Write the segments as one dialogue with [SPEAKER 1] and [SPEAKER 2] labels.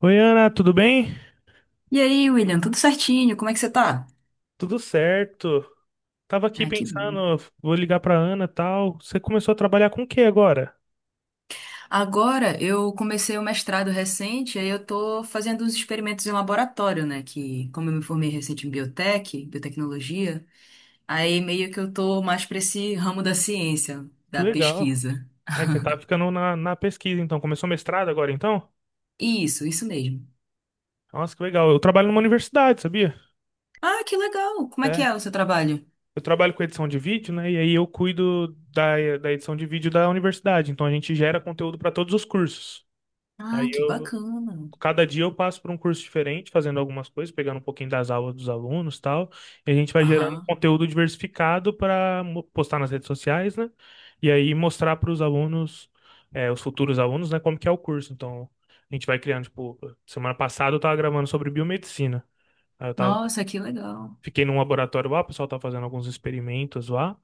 [SPEAKER 1] Oi, Ana, tudo bem?
[SPEAKER 2] E aí, William, tudo certinho? Como é que você tá?
[SPEAKER 1] Tudo certo. Tava aqui
[SPEAKER 2] Ah, que bom.
[SPEAKER 1] pensando, vou ligar pra Ana e tal. Você começou a trabalhar com o que agora?
[SPEAKER 2] Agora, eu comecei o mestrado recente, aí eu tô fazendo uns experimentos em laboratório, né? Que, como eu me formei recente em biotech, biotecnologia, aí meio que eu tô mais pra esse ramo da ciência,
[SPEAKER 1] Que
[SPEAKER 2] da
[SPEAKER 1] legal.
[SPEAKER 2] pesquisa.
[SPEAKER 1] Aí você tá ficando na pesquisa, então. Começou mestrado agora, então?
[SPEAKER 2] Isso mesmo.
[SPEAKER 1] Nossa, que legal. Eu trabalho numa universidade, sabia?
[SPEAKER 2] Ah, que legal! Como é que
[SPEAKER 1] É.
[SPEAKER 2] é o seu trabalho?
[SPEAKER 1] Eu trabalho com edição de vídeo, né? E aí eu cuido da edição de vídeo da universidade. Então a gente gera conteúdo pra todos os cursos.
[SPEAKER 2] Ah,
[SPEAKER 1] Aí
[SPEAKER 2] que
[SPEAKER 1] eu,
[SPEAKER 2] bacana.
[SPEAKER 1] Cada dia eu passo por um curso diferente, fazendo algumas coisas, pegando um pouquinho das aulas dos alunos e tal. E a gente vai gerando um
[SPEAKER 2] Aham.
[SPEAKER 1] conteúdo diversificado para postar nas redes sociais, né? E aí mostrar para os alunos, é, os futuros alunos, né, como que é o curso. Então, a gente vai criando, tipo, semana passada eu tava gravando sobre biomedicina. Aí eu tava,
[SPEAKER 2] Nossa, que legal.
[SPEAKER 1] fiquei num laboratório lá, o pessoal tá fazendo alguns experimentos lá.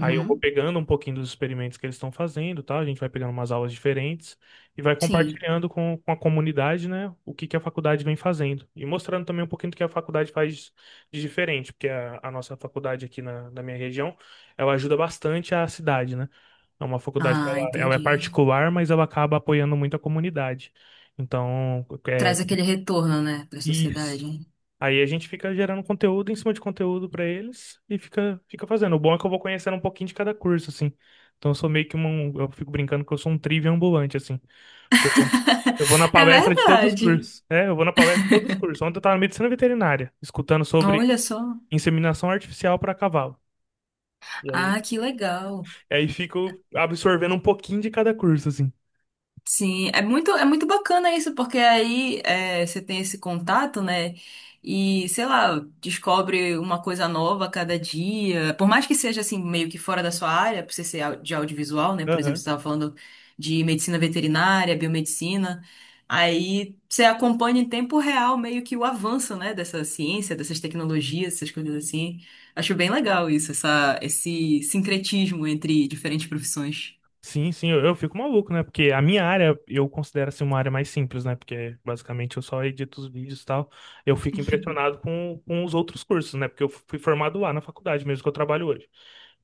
[SPEAKER 1] Aí eu vou pegando um pouquinho dos experimentos que eles estão fazendo, tá? A gente vai pegando umas aulas diferentes e vai
[SPEAKER 2] Sim.
[SPEAKER 1] compartilhando com a comunidade, né? O que que a faculdade vem fazendo. E mostrando também um pouquinho do que a faculdade faz de diferente, porque a nossa faculdade aqui na minha região, ela ajuda bastante a cidade, né? É uma faculdade que
[SPEAKER 2] Ah,
[SPEAKER 1] ela é
[SPEAKER 2] entendi.
[SPEAKER 1] particular, mas ela acaba apoiando muito a comunidade. Então, é,
[SPEAKER 2] Traz aquele retorno, né, pra
[SPEAKER 1] isso.
[SPEAKER 2] sociedade.
[SPEAKER 1] Aí a gente fica gerando conteúdo em cima de conteúdo pra eles e fica, fica fazendo. O bom é que eu vou conhecendo um pouquinho de cada curso, assim. Então eu sou meio que um. Eu fico brincando que eu sou um trivia ambulante, assim. Porque eu vou, eu vou na
[SPEAKER 2] É
[SPEAKER 1] palestra de todos os
[SPEAKER 2] verdade.
[SPEAKER 1] cursos. É, eu vou na palestra de todos os cursos. Ontem eu tava na medicina veterinária, escutando sobre
[SPEAKER 2] Olha só.
[SPEAKER 1] inseminação artificial pra cavalo. E aí,
[SPEAKER 2] Ah, que legal.
[SPEAKER 1] e aí fico absorvendo um pouquinho de cada curso, assim.
[SPEAKER 2] Sim, é muito bacana isso, porque aí é, você tem esse contato, né? E, sei lá, descobre uma coisa nova a cada dia. Por mais que seja, assim, meio que fora da sua área, por você ser de audiovisual, né? Por exemplo, você
[SPEAKER 1] Aham.
[SPEAKER 2] estava falando de medicina veterinária, biomedicina. Aí você acompanha em tempo real meio que o avanço, né? Dessa ciência, dessas tecnologias, essas coisas assim. Acho bem legal isso, esse sincretismo entre diferentes profissões.
[SPEAKER 1] Sim, sim, eu fico maluco, né? Porque a minha área eu considero assim uma área mais simples, né? Porque basicamente eu só edito os vídeos e tal. Eu fico impressionado com os outros cursos, né? Porque eu fui formado lá na faculdade mesmo que eu trabalho hoje.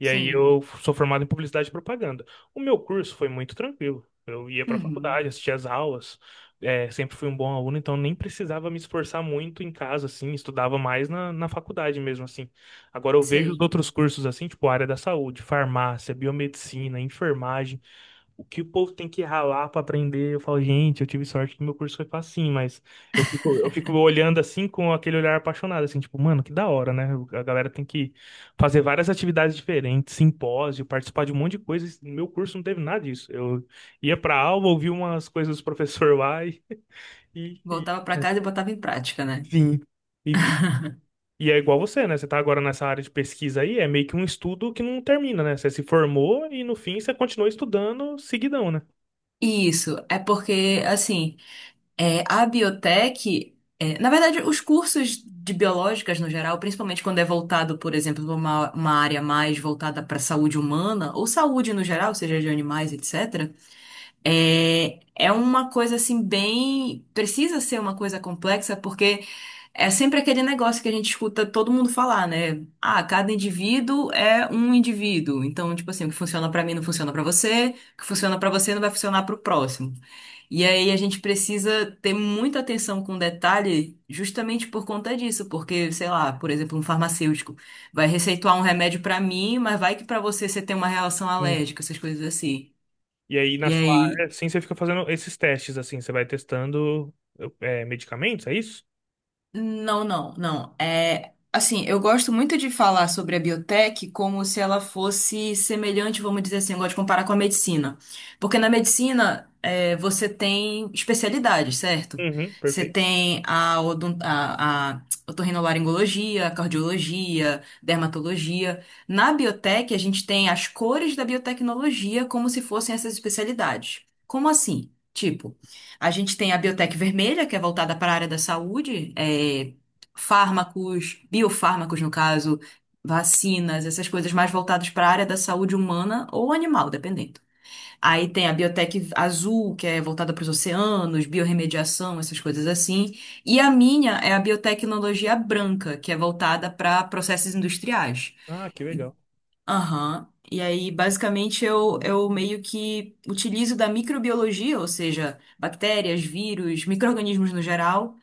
[SPEAKER 1] E aí
[SPEAKER 2] Sim.
[SPEAKER 1] eu sou formado em publicidade e propaganda. O meu curso foi muito tranquilo. Eu ia pra
[SPEAKER 2] Uhum.
[SPEAKER 1] faculdade, assistia as aulas, é, sempre fui um bom aluno, então nem precisava me esforçar muito em casa, assim, estudava mais na faculdade mesmo, assim. Agora eu vejo os
[SPEAKER 2] Sei.
[SPEAKER 1] outros cursos, assim, tipo área da saúde, farmácia, biomedicina, enfermagem. O que o povo tem que ralar pra aprender, eu falo, gente, eu tive sorte que meu curso foi assim, mas eu fico olhando assim com aquele olhar apaixonado, assim, tipo, mano, que da hora, né? A galera tem que fazer várias atividades diferentes, simpósio, participar de um monte de coisas. No meu curso não teve nada disso. Eu ia pra aula, ouvia umas coisas do professor lá e, e-
[SPEAKER 2] Voltava para casa e botava em prática, né?
[SPEAKER 1] sim. E, e e é igual você, né? Você tá agora nessa área de pesquisa aí, é meio que um estudo que não termina, né? Você se formou e no fim você continua estudando seguidão, né?
[SPEAKER 2] Isso, é porque, assim, é, a biotech, é, na verdade, os cursos de biológicas no geral, principalmente quando é voltado, por exemplo, para uma área mais voltada para saúde humana, ou saúde no geral, seja de animais, etc., é, é uma coisa, assim, bem. Precisa ser uma coisa complexa, porque. É sempre aquele negócio que a gente escuta todo mundo falar, né? Ah, cada indivíduo é um indivíduo. Então, tipo assim, o que funciona pra mim não funciona pra você, o que funciona pra você não vai funcionar pro próximo. E aí a gente precisa ter muita atenção com detalhe justamente por conta disso, porque, sei lá, por exemplo, um farmacêutico vai receituar um remédio pra mim, mas vai que pra você tem uma reação alérgica, essas coisas assim.
[SPEAKER 1] E aí, na
[SPEAKER 2] E
[SPEAKER 1] sua
[SPEAKER 2] aí
[SPEAKER 1] área, assim, você fica fazendo esses testes, assim, você vai testando é, medicamentos, é isso?
[SPEAKER 2] Não, não, não. É, assim, eu gosto muito de falar sobre a biotech como se ela fosse semelhante, vamos dizer assim, eu gosto de comparar com a medicina. Porque na medicina, é, você tem especialidades, certo?
[SPEAKER 1] Uhum,
[SPEAKER 2] Você
[SPEAKER 1] perfeito.
[SPEAKER 2] tem a otorrinolaringologia, a cardiologia, dermatologia. Na biotech, a gente tem as cores da biotecnologia como se fossem essas especialidades. Como assim? Tipo, a gente tem a Biotec Vermelha, que é voltada para a área da saúde, é, fármacos, biofármacos, no caso, vacinas, essas coisas mais voltadas para a área da saúde humana ou animal, dependendo. Aí tem a Biotec Azul, que é voltada para os oceanos, biorremediação, essas coisas assim. E a minha é a Biotecnologia Branca, que é voltada para processos industriais.
[SPEAKER 1] Ah, que legal.
[SPEAKER 2] Aham. E aí, basicamente, eu meio que utilizo da microbiologia, ou seja, bactérias, vírus, micro-organismos no geral,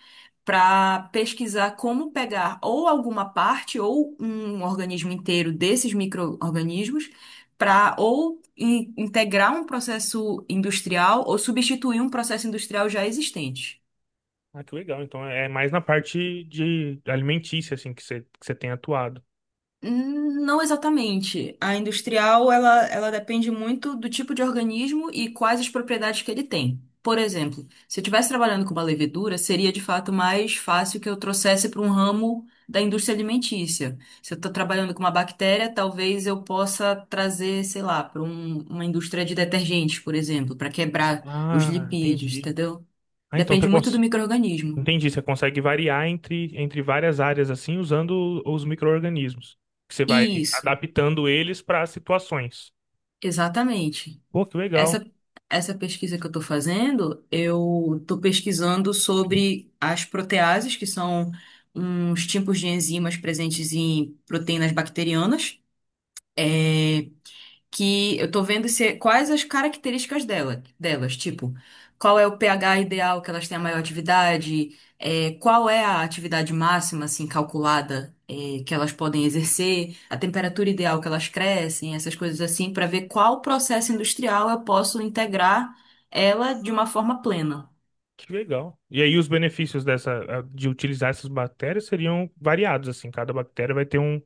[SPEAKER 2] para pesquisar como pegar ou alguma parte ou um organismo inteiro desses micro-organismos para ou integrar um processo industrial ou substituir um processo industrial já existente.
[SPEAKER 1] Ah, que legal. Então é mais na parte de alimentícia, assim, que você tem atuado.
[SPEAKER 2] Não exatamente. A industrial, ela depende muito do tipo de organismo e quais as propriedades que ele tem. Por exemplo, se eu estivesse trabalhando com uma levedura, seria de fato mais fácil que eu trouxesse para um ramo da indústria alimentícia. Se eu estou trabalhando com uma bactéria, talvez eu possa trazer, sei lá, para uma indústria de detergentes, por exemplo, para quebrar os
[SPEAKER 1] Ah,
[SPEAKER 2] lipídios,
[SPEAKER 1] entendi.
[SPEAKER 2] entendeu?
[SPEAKER 1] Ah, então
[SPEAKER 2] Depende
[SPEAKER 1] você
[SPEAKER 2] muito do
[SPEAKER 1] consegue.
[SPEAKER 2] micro-organismo.
[SPEAKER 1] Entendi, você consegue variar entre várias áreas, assim, usando os micro-organismos. Que Você vai
[SPEAKER 2] Isso,
[SPEAKER 1] adaptando eles para situações.
[SPEAKER 2] exatamente.
[SPEAKER 1] Pô, que legal.
[SPEAKER 2] Essa, essa pesquisa que eu estou fazendo, eu estou pesquisando sobre as proteases, que são uns tipos de enzimas presentes em proteínas bacterianas. É, que eu tô vendo se, é, quais as características dela, delas, tipo, qual é o pH ideal que elas têm a maior atividade, é, qual é a atividade máxima, assim, calculada, é, que elas podem exercer, a temperatura ideal que elas crescem, essas coisas assim, para ver qual processo industrial eu posso integrar ela de uma forma plena.
[SPEAKER 1] Que legal. E aí os benefícios dessa de utilizar essas bactérias seriam variados, assim, cada bactéria vai ter um,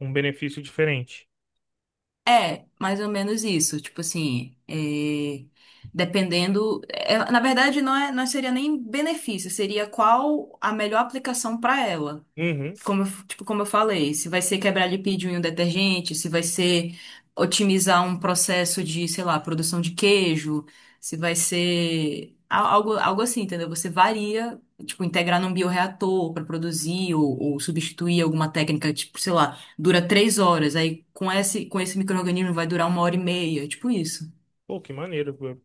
[SPEAKER 1] um benefício diferente.
[SPEAKER 2] É, mais ou menos isso. Tipo assim, é, dependendo. É, na verdade, não é, não seria nem benefício, seria qual a melhor aplicação para ela
[SPEAKER 1] Uhum.
[SPEAKER 2] como, tipo, como eu falei, se vai ser quebrar lipídio em um detergente, se vai ser otimizar um processo de, sei lá, produção de queijo, se vai ser algo, algo assim, entendeu? Você varia, tipo, integrar num bioreator para produzir ou substituir alguma técnica, tipo, sei lá, dura 3 horas, aí com esse micro-organismo vai durar 1 hora e meia, tipo isso.
[SPEAKER 1] Pô, que maneiro. Pô.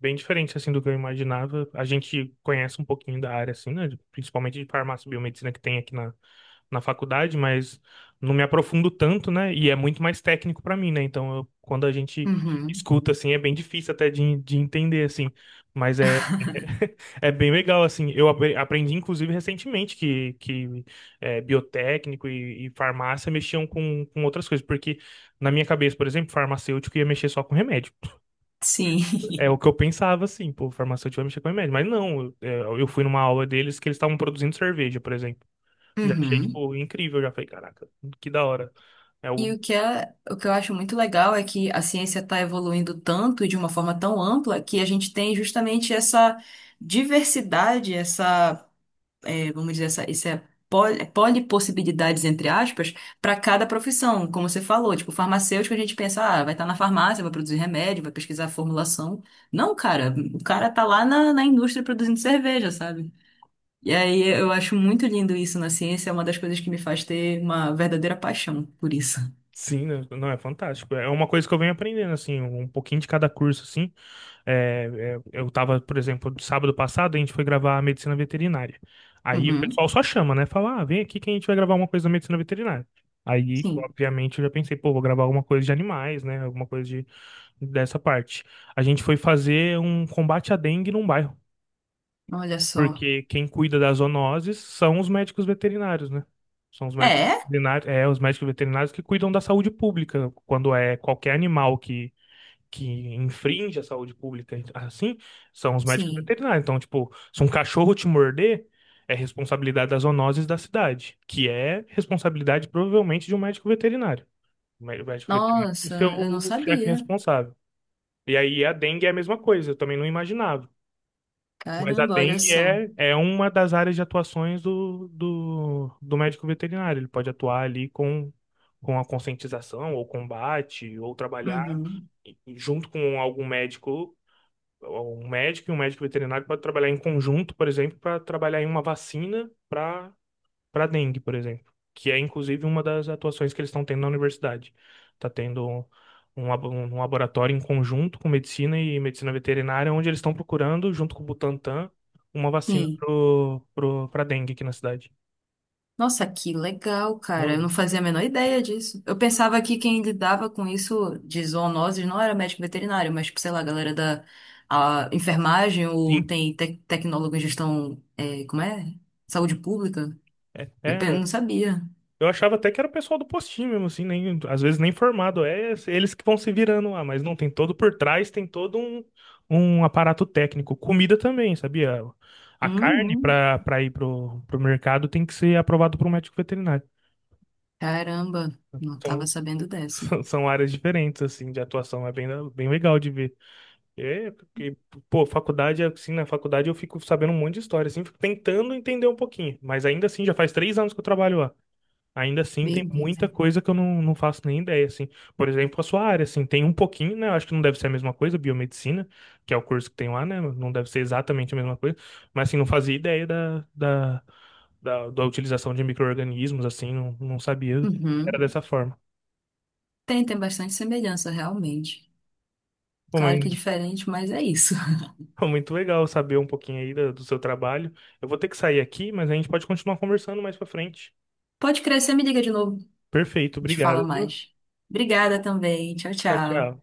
[SPEAKER 1] Bem diferente assim do que eu imaginava. A gente conhece um pouquinho da área assim, né? Principalmente de farmácia e biomedicina que tem aqui na faculdade, mas não me aprofundo tanto, né? E é muito mais técnico para mim, né? Então, quando a gente
[SPEAKER 2] Uhum.
[SPEAKER 1] escuta assim, é bem difícil até de entender assim, mas é é bem legal assim. Eu aprendi inclusive recentemente que é, biotécnico e farmácia mexiam com outras coisas, porque na minha cabeça, por exemplo, farmacêutico ia mexer só com remédio.
[SPEAKER 2] Sim.
[SPEAKER 1] É o que eu pensava assim, pô, farmacêutico vai mexer com remédio, mas não, eu, é, eu fui numa aula deles que eles estavam produzindo cerveja, por exemplo. Já achei,
[SPEAKER 2] Uhum.
[SPEAKER 1] tipo, incrível. Já falei, caraca, que da hora. É
[SPEAKER 2] E
[SPEAKER 1] o.
[SPEAKER 2] o que eu acho muito legal é que a ciência está evoluindo tanto e de uma forma tão ampla que a gente tem justamente essa diversidade, essa, eh, vamos dizer, essa polipossibilidades, entre aspas, para cada profissão, como você falou. Tipo, farmacêutico, a gente pensa, ah, vai estar na farmácia, vai produzir remédio, vai pesquisar formulação. Não, cara, o cara tá lá na, na indústria produzindo cerveja, sabe? E aí eu acho muito lindo isso na ciência, é uma das coisas que me faz ter uma verdadeira paixão por isso.
[SPEAKER 1] Sim, né? Não, é fantástico. É uma coisa que eu venho aprendendo, assim, um pouquinho de cada curso, assim. É, eu tava, por exemplo, sábado passado, a gente foi gravar a medicina veterinária. Aí o
[SPEAKER 2] Uhum.
[SPEAKER 1] pessoal só chama, né? Fala, ah, vem aqui que a gente vai gravar uma coisa da medicina veterinária. Aí,
[SPEAKER 2] Sim,
[SPEAKER 1] obviamente, eu já pensei, pô, vou gravar alguma coisa de animais, né? Dessa parte. A gente foi fazer um combate à dengue num bairro.
[SPEAKER 2] olha só.
[SPEAKER 1] Porque quem cuida das zoonoses são os médicos veterinários, né? São os médicos
[SPEAKER 2] É?
[SPEAKER 1] veterinários, é, os médicos veterinários que cuidam da saúde pública. Quando é qualquer animal que infringe a saúde pública, assim, são os médicos
[SPEAKER 2] Sim.
[SPEAKER 1] veterinários. Então, tipo, se um cachorro te morder, é responsabilidade das zoonoses da cidade, que é responsabilidade provavelmente de um médico veterinário. O o médico veterinário
[SPEAKER 2] Nossa,
[SPEAKER 1] é
[SPEAKER 2] eu não
[SPEAKER 1] o chefe
[SPEAKER 2] sabia.
[SPEAKER 1] responsável. E aí a dengue é a mesma coisa, eu também não imaginava. Mas a
[SPEAKER 2] Caramba, olha
[SPEAKER 1] dengue
[SPEAKER 2] só.
[SPEAKER 1] é uma das áreas de atuações do médico veterinário. Ele pode atuar ali com a conscientização, ou combate, ou trabalhar
[SPEAKER 2] Uhum.
[SPEAKER 1] junto com algum médico. Um médico e um médico veterinário pode trabalhar em conjunto, por exemplo, para trabalhar em uma vacina para dengue, por exemplo, que é inclusive uma das atuações que eles estão tendo na universidade. Está tendo um laboratório em conjunto com medicina e medicina veterinária, onde eles estão procurando, junto com o Butantan, uma vacina
[SPEAKER 2] Sim.
[SPEAKER 1] para dengue aqui na cidade.
[SPEAKER 2] Nossa, que legal, cara. Eu
[SPEAKER 1] Não,
[SPEAKER 2] não fazia a menor ideia disso. Eu pensava que quem lidava com isso de zoonoses não era médico veterinário, mas, tipo, sei lá, a galera da a enfermagem ou
[SPEAKER 1] sim,
[SPEAKER 2] tem tecnólogo em gestão, é, como é? Saúde pública.
[SPEAKER 1] é,
[SPEAKER 2] Não
[SPEAKER 1] é
[SPEAKER 2] sabia.
[SPEAKER 1] Eu achava até que era o pessoal do postinho mesmo, assim, nem, às vezes nem formado. É eles que vão se virando lá, mas não, tem todo por trás, tem todo um, um aparato técnico. Comida também, sabia? A carne
[SPEAKER 2] Uhum.
[SPEAKER 1] para ir pro mercado tem que ser aprovado por um médico veterinário.
[SPEAKER 2] Caramba, não tava
[SPEAKER 1] Então,
[SPEAKER 2] sabendo dessa.
[SPEAKER 1] são são áreas diferentes, assim, de atuação. É bem, bem legal de ver. É, porque, pô, faculdade, assim, na faculdade eu fico sabendo um monte de história, assim, fico tentando entender um pouquinho. Mas ainda assim, já faz 3 anos que eu trabalho lá. Ainda assim, tem muita
[SPEAKER 2] Beleza.
[SPEAKER 1] coisa que eu não faço nem ideia, assim. Por exemplo, a sua área, assim, tem um pouquinho, né? Eu acho que não deve ser a mesma coisa, biomedicina, que é o curso que tem lá, né? Não deve ser exatamente a mesma coisa, mas, assim, não fazia ideia da utilização de micro-organismos, assim, não sabia que era
[SPEAKER 2] Uhum.
[SPEAKER 1] dessa forma.
[SPEAKER 2] Tem bastante semelhança, realmente.
[SPEAKER 1] Bom, mas
[SPEAKER 2] Claro que diferente, mas é isso.
[SPEAKER 1] foi muito legal saber um pouquinho aí do seu trabalho. Eu vou ter que sair aqui, mas a gente pode continuar conversando mais pra frente.
[SPEAKER 2] Pode crescer, me liga de novo,
[SPEAKER 1] Perfeito,
[SPEAKER 2] te fala
[SPEAKER 1] obrigado, viu?
[SPEAKER 2] mais. Obrigada também. Tchau,
[SPEAKER 1] Tchau,
[SPEAKER 2] tchau.
[SPEAKER 1] tchau.